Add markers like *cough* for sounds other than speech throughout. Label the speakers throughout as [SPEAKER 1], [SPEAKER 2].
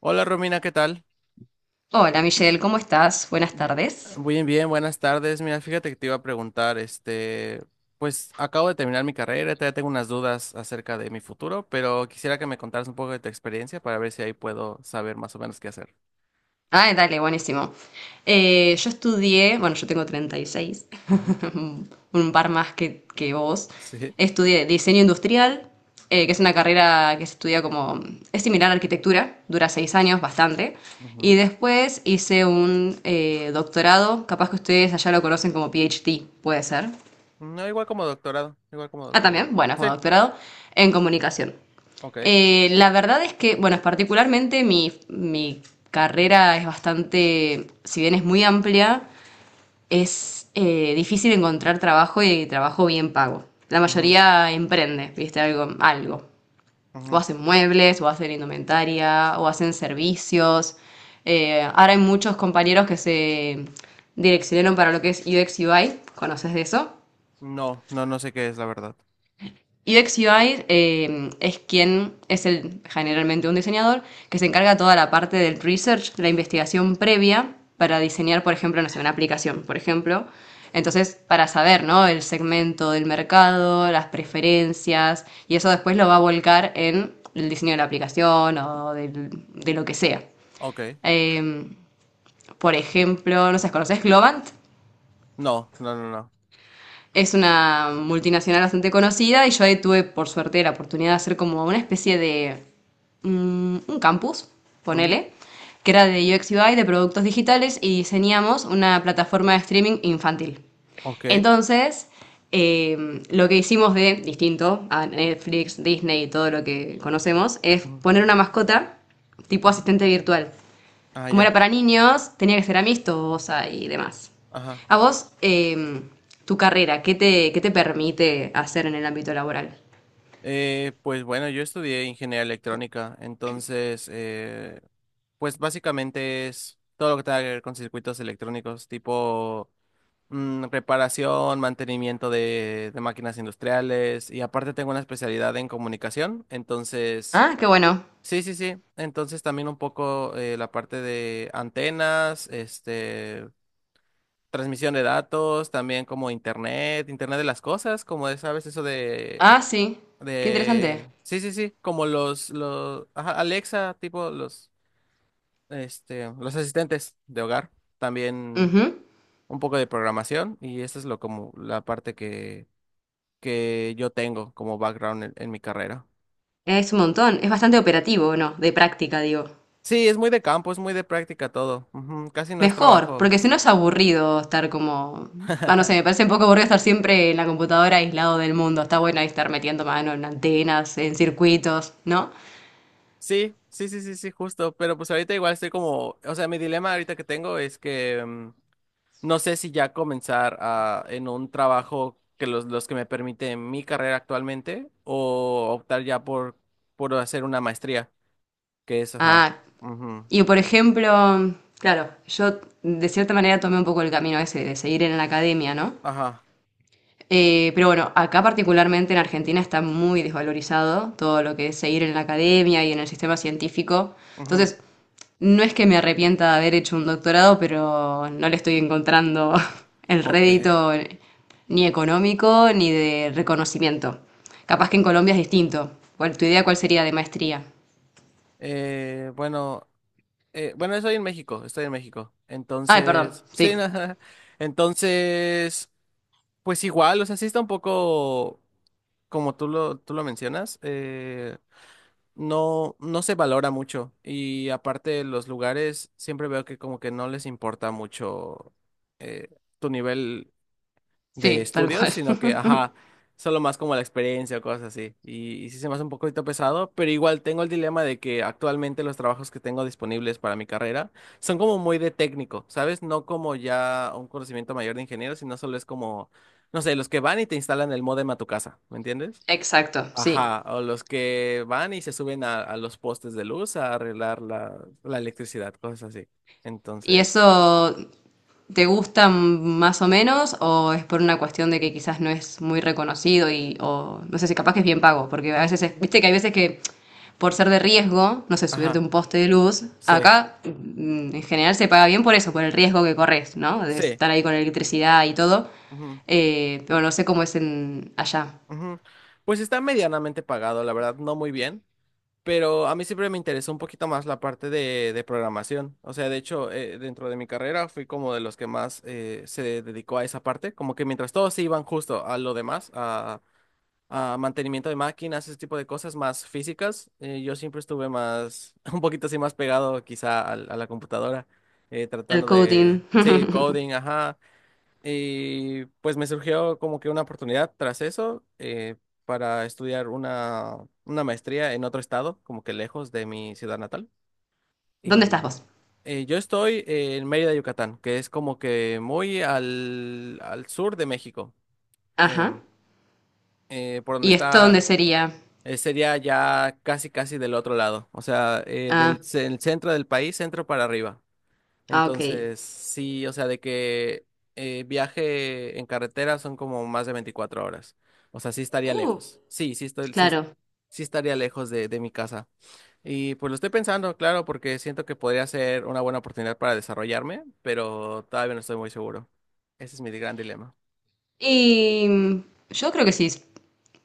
[SPEAKER 1] Hola Romina, ¿qué tal?
[SPEAKER 2] Hola Michelle, ¿cómo estás? Buenas
[SPEAKER 1] Bi-
[SPEAKER 2] tardes.
[SPEAKER 1] Bien, bien, buenas tardes. Mira, fíjate que te iba a preguntar, este, pues acabo de terminar mi carrera, todavía tengo unas dudas acerca de mi futuro, pero quisiera que me contaras un poco de tu experiencia para ver si ahí puedo saber más o menos qué hacer.
[SPEAKER 2] Ah, dale, buenísimo. Yo estudié, bueno, yo tengo 36,
[SPEAKER 1] Ujú.
[SPEAKER 2] *laughs* un par más que vos.
[SPEAKER 1] Sí.
[SPEAKER 2] Estudié diseño industrial, que es una carrera que se estudia como, es similar a arquitectura, dura 6 años, bastante. Y
[SPEAKER 1] Ujú.
[SPEAKER 2] después hice un doctorado, capaz que ustedes allá lo conocen como PhD, puede ser.
[SPEAKER 1] No, igual como doctorado, igual como
[SPEAKER 2] Ah,
[SPEAKER 1] doctorado.
[SPEAKER 2] también, bueno, con
[SPEAKER 1] Sí,
[SPEAKER 2] doctorado en comunicación.
[SPEAKER 1] ok.
[SPEAKER 2] La verdad es que, bueno, particularmente mi carrera es bastante, si bien es muy amplia, es difícil encontrar trabajo y trabajo bien pago. La
[SPEAKER 1] Ujú,
[SPEAKER 2] mayoría emprende, viste, algo, algo. O
[SPEAKER 1] ujú.
[SPEAKER 2] hacen muebles, o hacen indumentaria, o hacen servicios. Ahora hay muchos compañeros que se direccionaron para lo que es UX UI, ¿conoces de eso?
[SPEAKER 1] No, no, no sé qué es la verdad.
[SPEAKER 2] UX UI es quien es el, generalmente un diseñador que se encarga toda la parte del research, de la investigación previa para diseñar, por ejemplo, no sé, una aplicación, por ejemplo. Entonces, para saber, ¿no? El segmento del mercado, las preferencias, y eso después lo va a volcar en el diseño de la aplicación o lo que sea.
[SPEAKER 1] Ok.
[SPEAKER 2] Eh, por ejemplo, no sé, ¿conoces Globant?
[SPEAKER 1] No, no, no, no.
[SPEAKER 2] Es una multinacional bastante conocida y yo ahí tuve, por suerte, la oportunidad de hacer como una especie de un campus,
[SPEAKER 1] Ujú.
[SPEAKER 2] ponele, que era de UX UI, de productos digitales, y diseñamos una plataforma de streaming infantil.
[SPEAKER 1] Ok.
[SPEAKER 2] Entonces, lo que hicimos de distinto a Netflix, Disney y todo lo que conocemos es
[SPEAKER 1] Ujú,
[SPEAKER 2] poner una mascota tipo
[SPEAKER 1] ujú.
[SPEAKER 2] asistente virtual
[SPEAKER 1] Ah,
[SPEAKER 2] como era
[SPEAKER 1] ya.
[SPEAKER 2] para niños, tenía que ser amistosa y demás.
[SPEAKER 1] Ajá.
[SPEAKER 2] A vos, tu carrera, qué te permite hacer en el ámbito laboral?
[SPEAKER 1] Pues bueno, yo estudié ingeniería electrónica, entonces, pues básicamente es todo lo que tenga que ver con circuitos electrónicos, tipo reparación, mantenimiento de máquinas industriales, y aparte tengo una especialidad en comunicación, entonces,
[SPEAKER 2] Ah, qué bueno.
[SPEAKER 1] sí, sí, sí, entonces también un poco la parte de antenas, este, transmisión de datos, también como internet, internet de las cosas, como de, sabes, eso
[SPEAKER 2] Ah, sí. Qué interesante.
[SPEAKER 1] de. Sí, sí, sí. Como los. Ajá, Alexa, tipo los. Este. Los asistentes de hogar. También
[SPEAKER 2] Ujú.
[SPEAKER 1] un poco de programación. Y esa es lo como la parte que yo tengo como background en mi carrera.
[SPEAKER 2] Es un montón. Es bastante operativo, ¿no? De práctica, digo.
[SPEAKER 1] Sí, es muy de campo, es muy de práctica todo. Ujú, casi no es
[SPEAKER 2] Mejor,
[SPEAKER 1] trabajo.
[SPEAKER 2] porque si
[SPEAKER 1] Sí.
[SPEAKER 2] no es aburrido estar como... Ah, no sé, me
[SPEAKER 1] *laughs*
[SPEAKER 2] parece un poco aburrido estar siempre en la computadora aislado del mundo. Está bueno ahí estar metiendo mano en antenas, en circuitos, ¿no?
[SPEAKER 1] Sí, sí, sí, sí, sí, justo. Pero pues ahorita igual estoy como. O sea, mi dilema ahorita que tengo es que. No sé si ya comenzar en un trabajo que los que me permite mi carrera actualmente o optar ya por hacer una maestría, que es,
[SPEAKER 2] Ah.
[SPEAKER 1] ujú,
[SPEAKER 2] Y por ejemplo, claro, yo de cierta manera tomé un poco el camino ese de seguir en la academia, ¿no?
[SPEAKER 1] ajá,
[SPEAKER 2] Pero bueno, acá particularmente en Argentina está muy desvalorizado todo lo que es seguir en la academia y en el sistema científico.
[SPEAKER 1] ujú,
[SPEAKER 2] Entonces, no es que me arrepienta de haber hecho un doctorado, pero no le estoy encontrando *laughs* el
[SPEAKER 1] ok.
[SPEAKER 2] rédito ni económico ni de reconocimiento. Capaz que en Colombia es distinto. ¿Tu idea cuál sería de maestría?
[SPEAKER 1] Bueno, bueno, estoy en México, estoy en México.
[SPEAKER 2] Ay, perdón,
[SPEAKER 1] Entonces,
[SPEAKER 2] sí,
[SPEAKER 1] sí, *laughs* ajá. Entonces, pues igual, o sea, sí está un poco como tú lo mencionas. No, no se valora mucho. Y aparte, los lugares siempre veo que como que no les importa mucho eh, tu nivel de
[SPEAKER 2] sí, tal
[SPEAKER 1] estudios,
[SPEAKER 2] cual.
[SPEAKER 1] sino que,
[SPEAKER 2] *laughs*
[SPEAKER 1] ajá, solo más como la experiencia o cosas así. Y sí se me hace un poquito pesado, pero igual tengo el dilema de que actualmente los trabajos que tengo disponibles para mi carrera son como muy de técnico, ¿sabes? No como ya un conocimiento mayor de ingeniero, sino solo es como, no sé, los que van y te instalan el módem a tu casa, ¿me entiendes?
[SPEAKER 2] Exacto, sí.
[SPEAKER 1] Ajá, o los que van y se suben a los postes de luz a arreglar la electricidad, cosas así.
[SPEAKER 2] ¿Y
[SPEAKER 1] Entonces,
[SPEAKER 2] eso te gusta más o menos o es por una cuestión de que quizás no es muy reconocido y o no sé si capaz que es bien pago? Porque a veces,
[SPEAKER 1] mm,
[SPEAKER 2] viste que hay veces que por ser de riesgo, no sé, subirte
[SPEAKER 1] ajá,
[SPEAKER 2] un poste de luz,
[SPEAKER 1] sí,
[SPEAKER 2] acá en general se paga bien por eso, por el riesgo que corres, ¿no? De
[SPEAKER 1] sí.
[SPEAKER 2] estar ahí con electricidad y todo.
[SPEAKER 1] Ujú,
[SPEAKER 2] Pero no sé cómo es en allá.
[SPEAKER 1] ujú. Pues está medianamente pagado, la verdad, no muy bien, pero a mí siempre me interesó un poquito más la parte de programación. O sea, de hecho, dentro de mi carrera fui como de los que más se dedicó a esa parte, como que mientras todos se iban justo a lo demás, a mantenimiento de máquinas, ese tipo de cosas más físicas. Yo siempre estuve más, *laughs* un poquito así más pegado quizá a la computadora,
[SPEAKER 2] El
[SPEAKER 1] tratando
[SPEAKER 2] coding.
[SPEAKER 1] de, sí,
[SPEAKER 2] *laughs*
[SPEAKER 1] coding, ajá. Y pues me surgió como que una oportunidad tras eso para estudiar una maestría en otro estado, como que lejos de mi ciudad natal.
[SPEAKER 2] ¿Dónde estás
[SPEAKER 1] Y
[SPEAKER 2] vos?
[SPEAKER 1] yo estoy en Mérida, Yucatán, que es como que muy al sur de México,
[SPEAKER 2] Ajá.
[SPEAKER 1] em, por donde
[SPEAKER 2] ¿Y esto dónde
[SPEAKER 1] está...
[SPEAKER 2] sería?
[SPEAKER 1] Sería ya casi, casi del otro lado, o sea,
[SPEAKER 2] Ah,
[SPEAKER 1] del el centro del país, centro para arriba.
[SPEAKER 2] ah, ok.
[SPEAKER 1] Entonces, sí, o sea, de que viaje en carretera son como más de 24 horas. O sea, sí estaría
[SPEAKER 2] Uh.
[SPEAKER 1] lejos. Sí, sí estoy, sí,
[SPEAKER 2] Claro.
[SPEAKER 1] sí estaría lejos de mi casa. Y pues lo estoy pensando, claro, porque siento que podría ser una buena oportunidad para desarrollarme, pero todavía no estoy muy seguro. Ese es mi gran dilema.
[SPEAKER 2] Y yo creo que si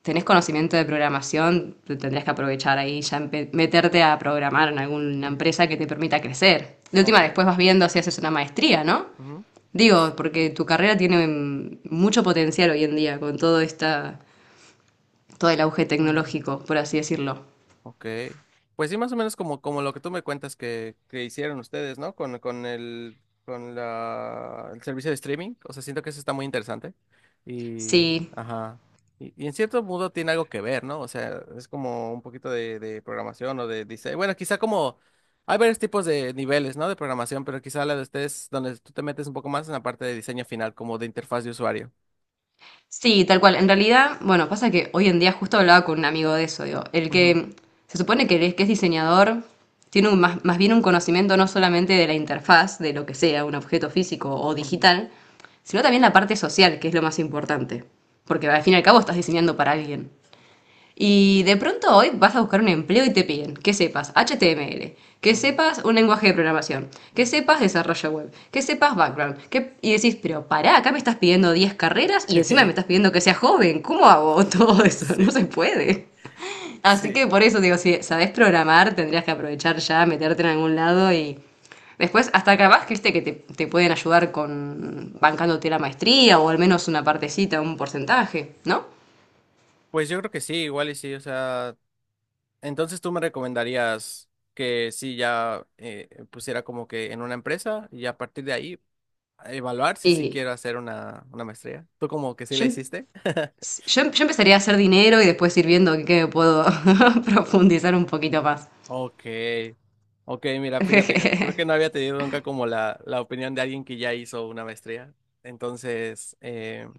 [SPEAKER 2] tenés conocimiento de programación, te tendrías que aprovechar ahí, ya meterte a programar en alguna
[SPEAKER 1] Ujú.
[SPEAKER 2] empresa que te permita crecer. De última,
[SPEAKER 1] Ok.
[SPEAKER 2] después vas viendo si haces una maestría, ¿no?
[SPEAKER 1] Ujú,
[SPEAKER 2] Digo, porque tu carrera tiene mucho potencial hoy en día con todo el auge
[SPEAKER 1] ujú.
[SPEAKER 2] tecnológico, por así decirlo.
[SPEAKER 1] Ok. Pues sí, más o menos como, lo que tú me cuentas que hicieron ustedes, ¿no? Con el servicio de streaming. O sea, siento que eso está muy interesante. Y,
[SPEAKER 2] Sí.
[SPEAKER 1] ajá. Y en cierto modo tiene algo que ver, ¿no? O sea, es como un poquito de programación o de diseño. Bueno, quizá como hay varios tipos de niveles, ¿no? De programación, pero quizá la de ustedes, donde tú te metes un poco más en la parte de diseño final, como de interfaz de usuario.
[SPEAKER 2] Sí, tal cual. En realidad, bueno, pasa que hoy en día justo hablaba con un amigo de eso, digo, el
[SPEAKER 1] Ujú,
[SPEAKER 2] que se supone que es diseñador tiene más bien un conocimiento no solamente de la interfaz, de lo que sea, un objeto físico o
[SPEAKER 1] ujú,
[SPEAKER 2] digital, sino también la parte social, que es lo más importante, porque al fin y al cabo estás diseñando para alguien. Y de pronto hoy vas a buscar un empleo y te piden que sepas HTML, que
[SPEAKER 1] ujú,
[SPEAKER 2] sepas un lenguaje de programación, que
[SPEAKER 1] ujú.
[SPEAKER 2] sepas desarrollo web, que sepas background. Y decís, pero pará, acá me estás pidiendo 10 carreras y encima me estás
[SPEAKER 1] *laughs*
[SPEAKER 2] pidiendo que sea joven. ¿Cómo hago *laughs* todo eso? No
[SPEAKER 1] Sí,
[SPEAKER 2] se puede. Así
[SPEAKER 1] sí.
[SPEAKER 2] que por eso digo, si sabes programar, tendrías que aprovechar ya, meterte en algún lado y después hasta capaz que viste que te pueden ayudar con bancándote la maestría o al menos una partecita, un porcentaje, ¿no?
[SPEAKER 1] Pues yo creo que sí, igual y sí, o sea, entonces tú me recomendarías que sí ya pusiera como que en una empresa y a partir de ahí evaluar si sí quiero
[SPEAKER 2] Y
[SPEAKER 1] hacer una maestría. ¿Tú como que sí la
[SPEAKER 2] yo
[SPEAKER 1] hiciste?
[SPEAKER 2] yo empezaría a hacer dinero y después ir viendo qué me puedo *laughs* profundizar un poquito más.
[SPEAKER 1] Ok, ok, mira, fíjate que creo que no
[SPEAKER 2] *laughs*
[SPEAKER 1] había tenido nunca como la opinión de alguien que ya hizo una maestría. Entonces,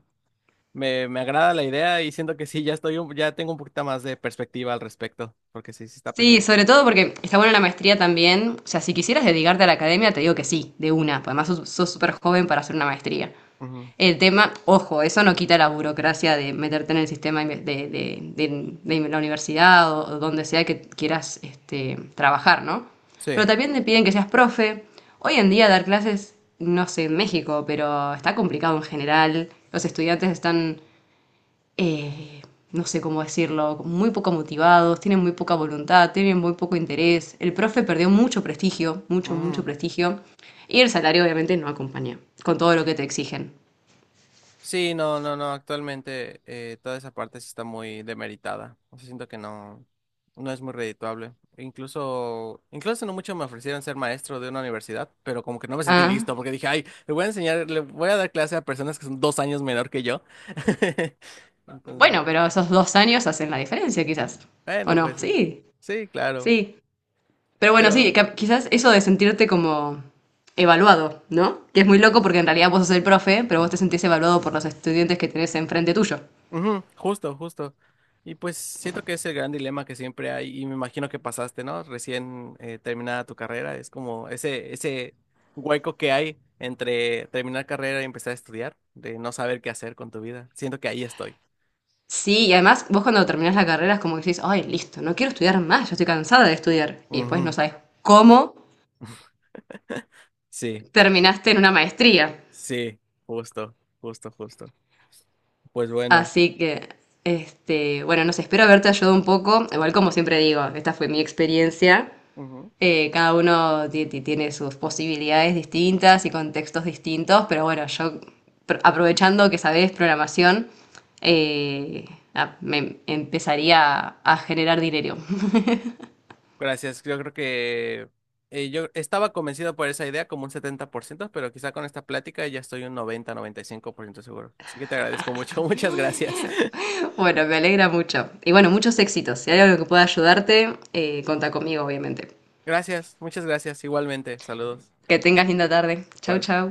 [SPEAKER 1] me agrada la idea y siento que sí, ya estoy, ya tengo un poquito más de perspectiva al respecto, porque sí, sí está
[SPEAKER 2] Sí, sobre
[SPEAKER 1] pesadito.
[SPEAKER 2] todo porque está buena la maestría también. O sea, si quisieras dedicarte a la academia, te digo que sí, de una. Pues además sos súper joven para hacer una maestría.
[SPEAKER 1] Ujú.
[SPEAKER 2] El tema, ojo, eso no quita la burocracia de meterte en el sistema de la universidad o donde sea que quieras este, trabajar, ¿no? Pero
[SPEAKER 1] Sí.
[SPEAKER 2] también te piden que seas profe. Hoy en día dar clases, no sé, en México, pero está complicado en general. Los estudiantes están eh, no sé cómo decirlo, muy poco motivados, tienen muy poca voluntad, tienen muy poco interés. El profe perdió mucho prestigio, mucho,
[SPEAKER 1] Ujú.
[SPEAKER 2] mucho prestigio. Y el salario obviamente no acompaña con todo lo que te exigen.
[SPEAKER 1] Sí, no, no, no, actualmente toda esa parte sí está muy demeritada. O sea, siento que no, no es muy redituable. E incluso no mucho me ofrecieron ser maestro de una universidad, pero como que no me sentí
[SPEAKER 2] Ah,
[SPEAKER 1] listo porque dije, ay, le voy a enseñar, le voy a dar clase a personas que son 2 años menor que yo. *laughs* Entonces,
[SPEAKER 2] bueno, pero esos 2 años hacen la diferencia quizás. ¿O
[SPEAKER 1] bueno,
[SPEAKER 2] no?
[SPEAKER 1] pues sí,
[SPEAKER 2] Sí,
[SPEAKER 1] sí, claro.
[SPEAKER 2] sí. Pero bueno, sí,
[SPEAKER 1] Pero.
[SPEAKER 2] quizás eso de sentirte como evaluado, ¿no? Que es muy loco porque en realidad vos sos el profe, pero vos te sentís evaluado por los estudiantes que tenés enfrente tuyo.
[SPEAKER 1] Ujú, justo, justo. Y pues siento que es el gran dilema que siempre hay y me imagino que pasaste, ¿no? Recién terminada tu carrera, es como ese hueco que hay entre terminar carrera y empezar a estudiar, de no saber qué hacer con tu vida. Siento que ahí estoy.
[SPEAKER 2] Sí, y además vos cuando terminás la carrera es como que decís, ay, listo, no quiero estudiar más, ya estoy cansada de estudiar. Y después no
[SPEAKER 1] Ujú.
[SPEAKER 2] sabes cómo
[SPEAKER 1] *laughs* Sí,
[SPEAKER 2] terminaste en una maestría.
[SPEAKER 1] sí, justo, justo, justo. Pues bueno.
[SPEAKER 2] Así que, este, bueno, no sé, espero haberte ayudado un poco. Igual como siempre digo, esta fue mi experiencia. Cada uno tiene sus posibilidades distintas y contextos distintos, pero bueno, yo aprovechando que sabés programación, eh, me empezaría a generar dinero. *laughs*
[SPEAKER 1] Gracias, yo creo que yo estaba convencido por esa idea como un 70%, pero quizá con esta plática ya estoy un 90, 95% seguro. Así que te agradezco mucho, *laughs* muchas gracias.
[SPEAKER 2] Bueno, me alegra mucho. Y bueno, muchos éxitos. Si hay algo que pueda ayudarte, contá conmigo, obviamente.
[SPEAKER 1] *laughs* Gracias, muchas gracias, igualmente, saludos.
[SPEAKER 2] Que tengas linda tarde. Chau,
[SPEAKER 1] Igual.
[SPEAKER 2] chau.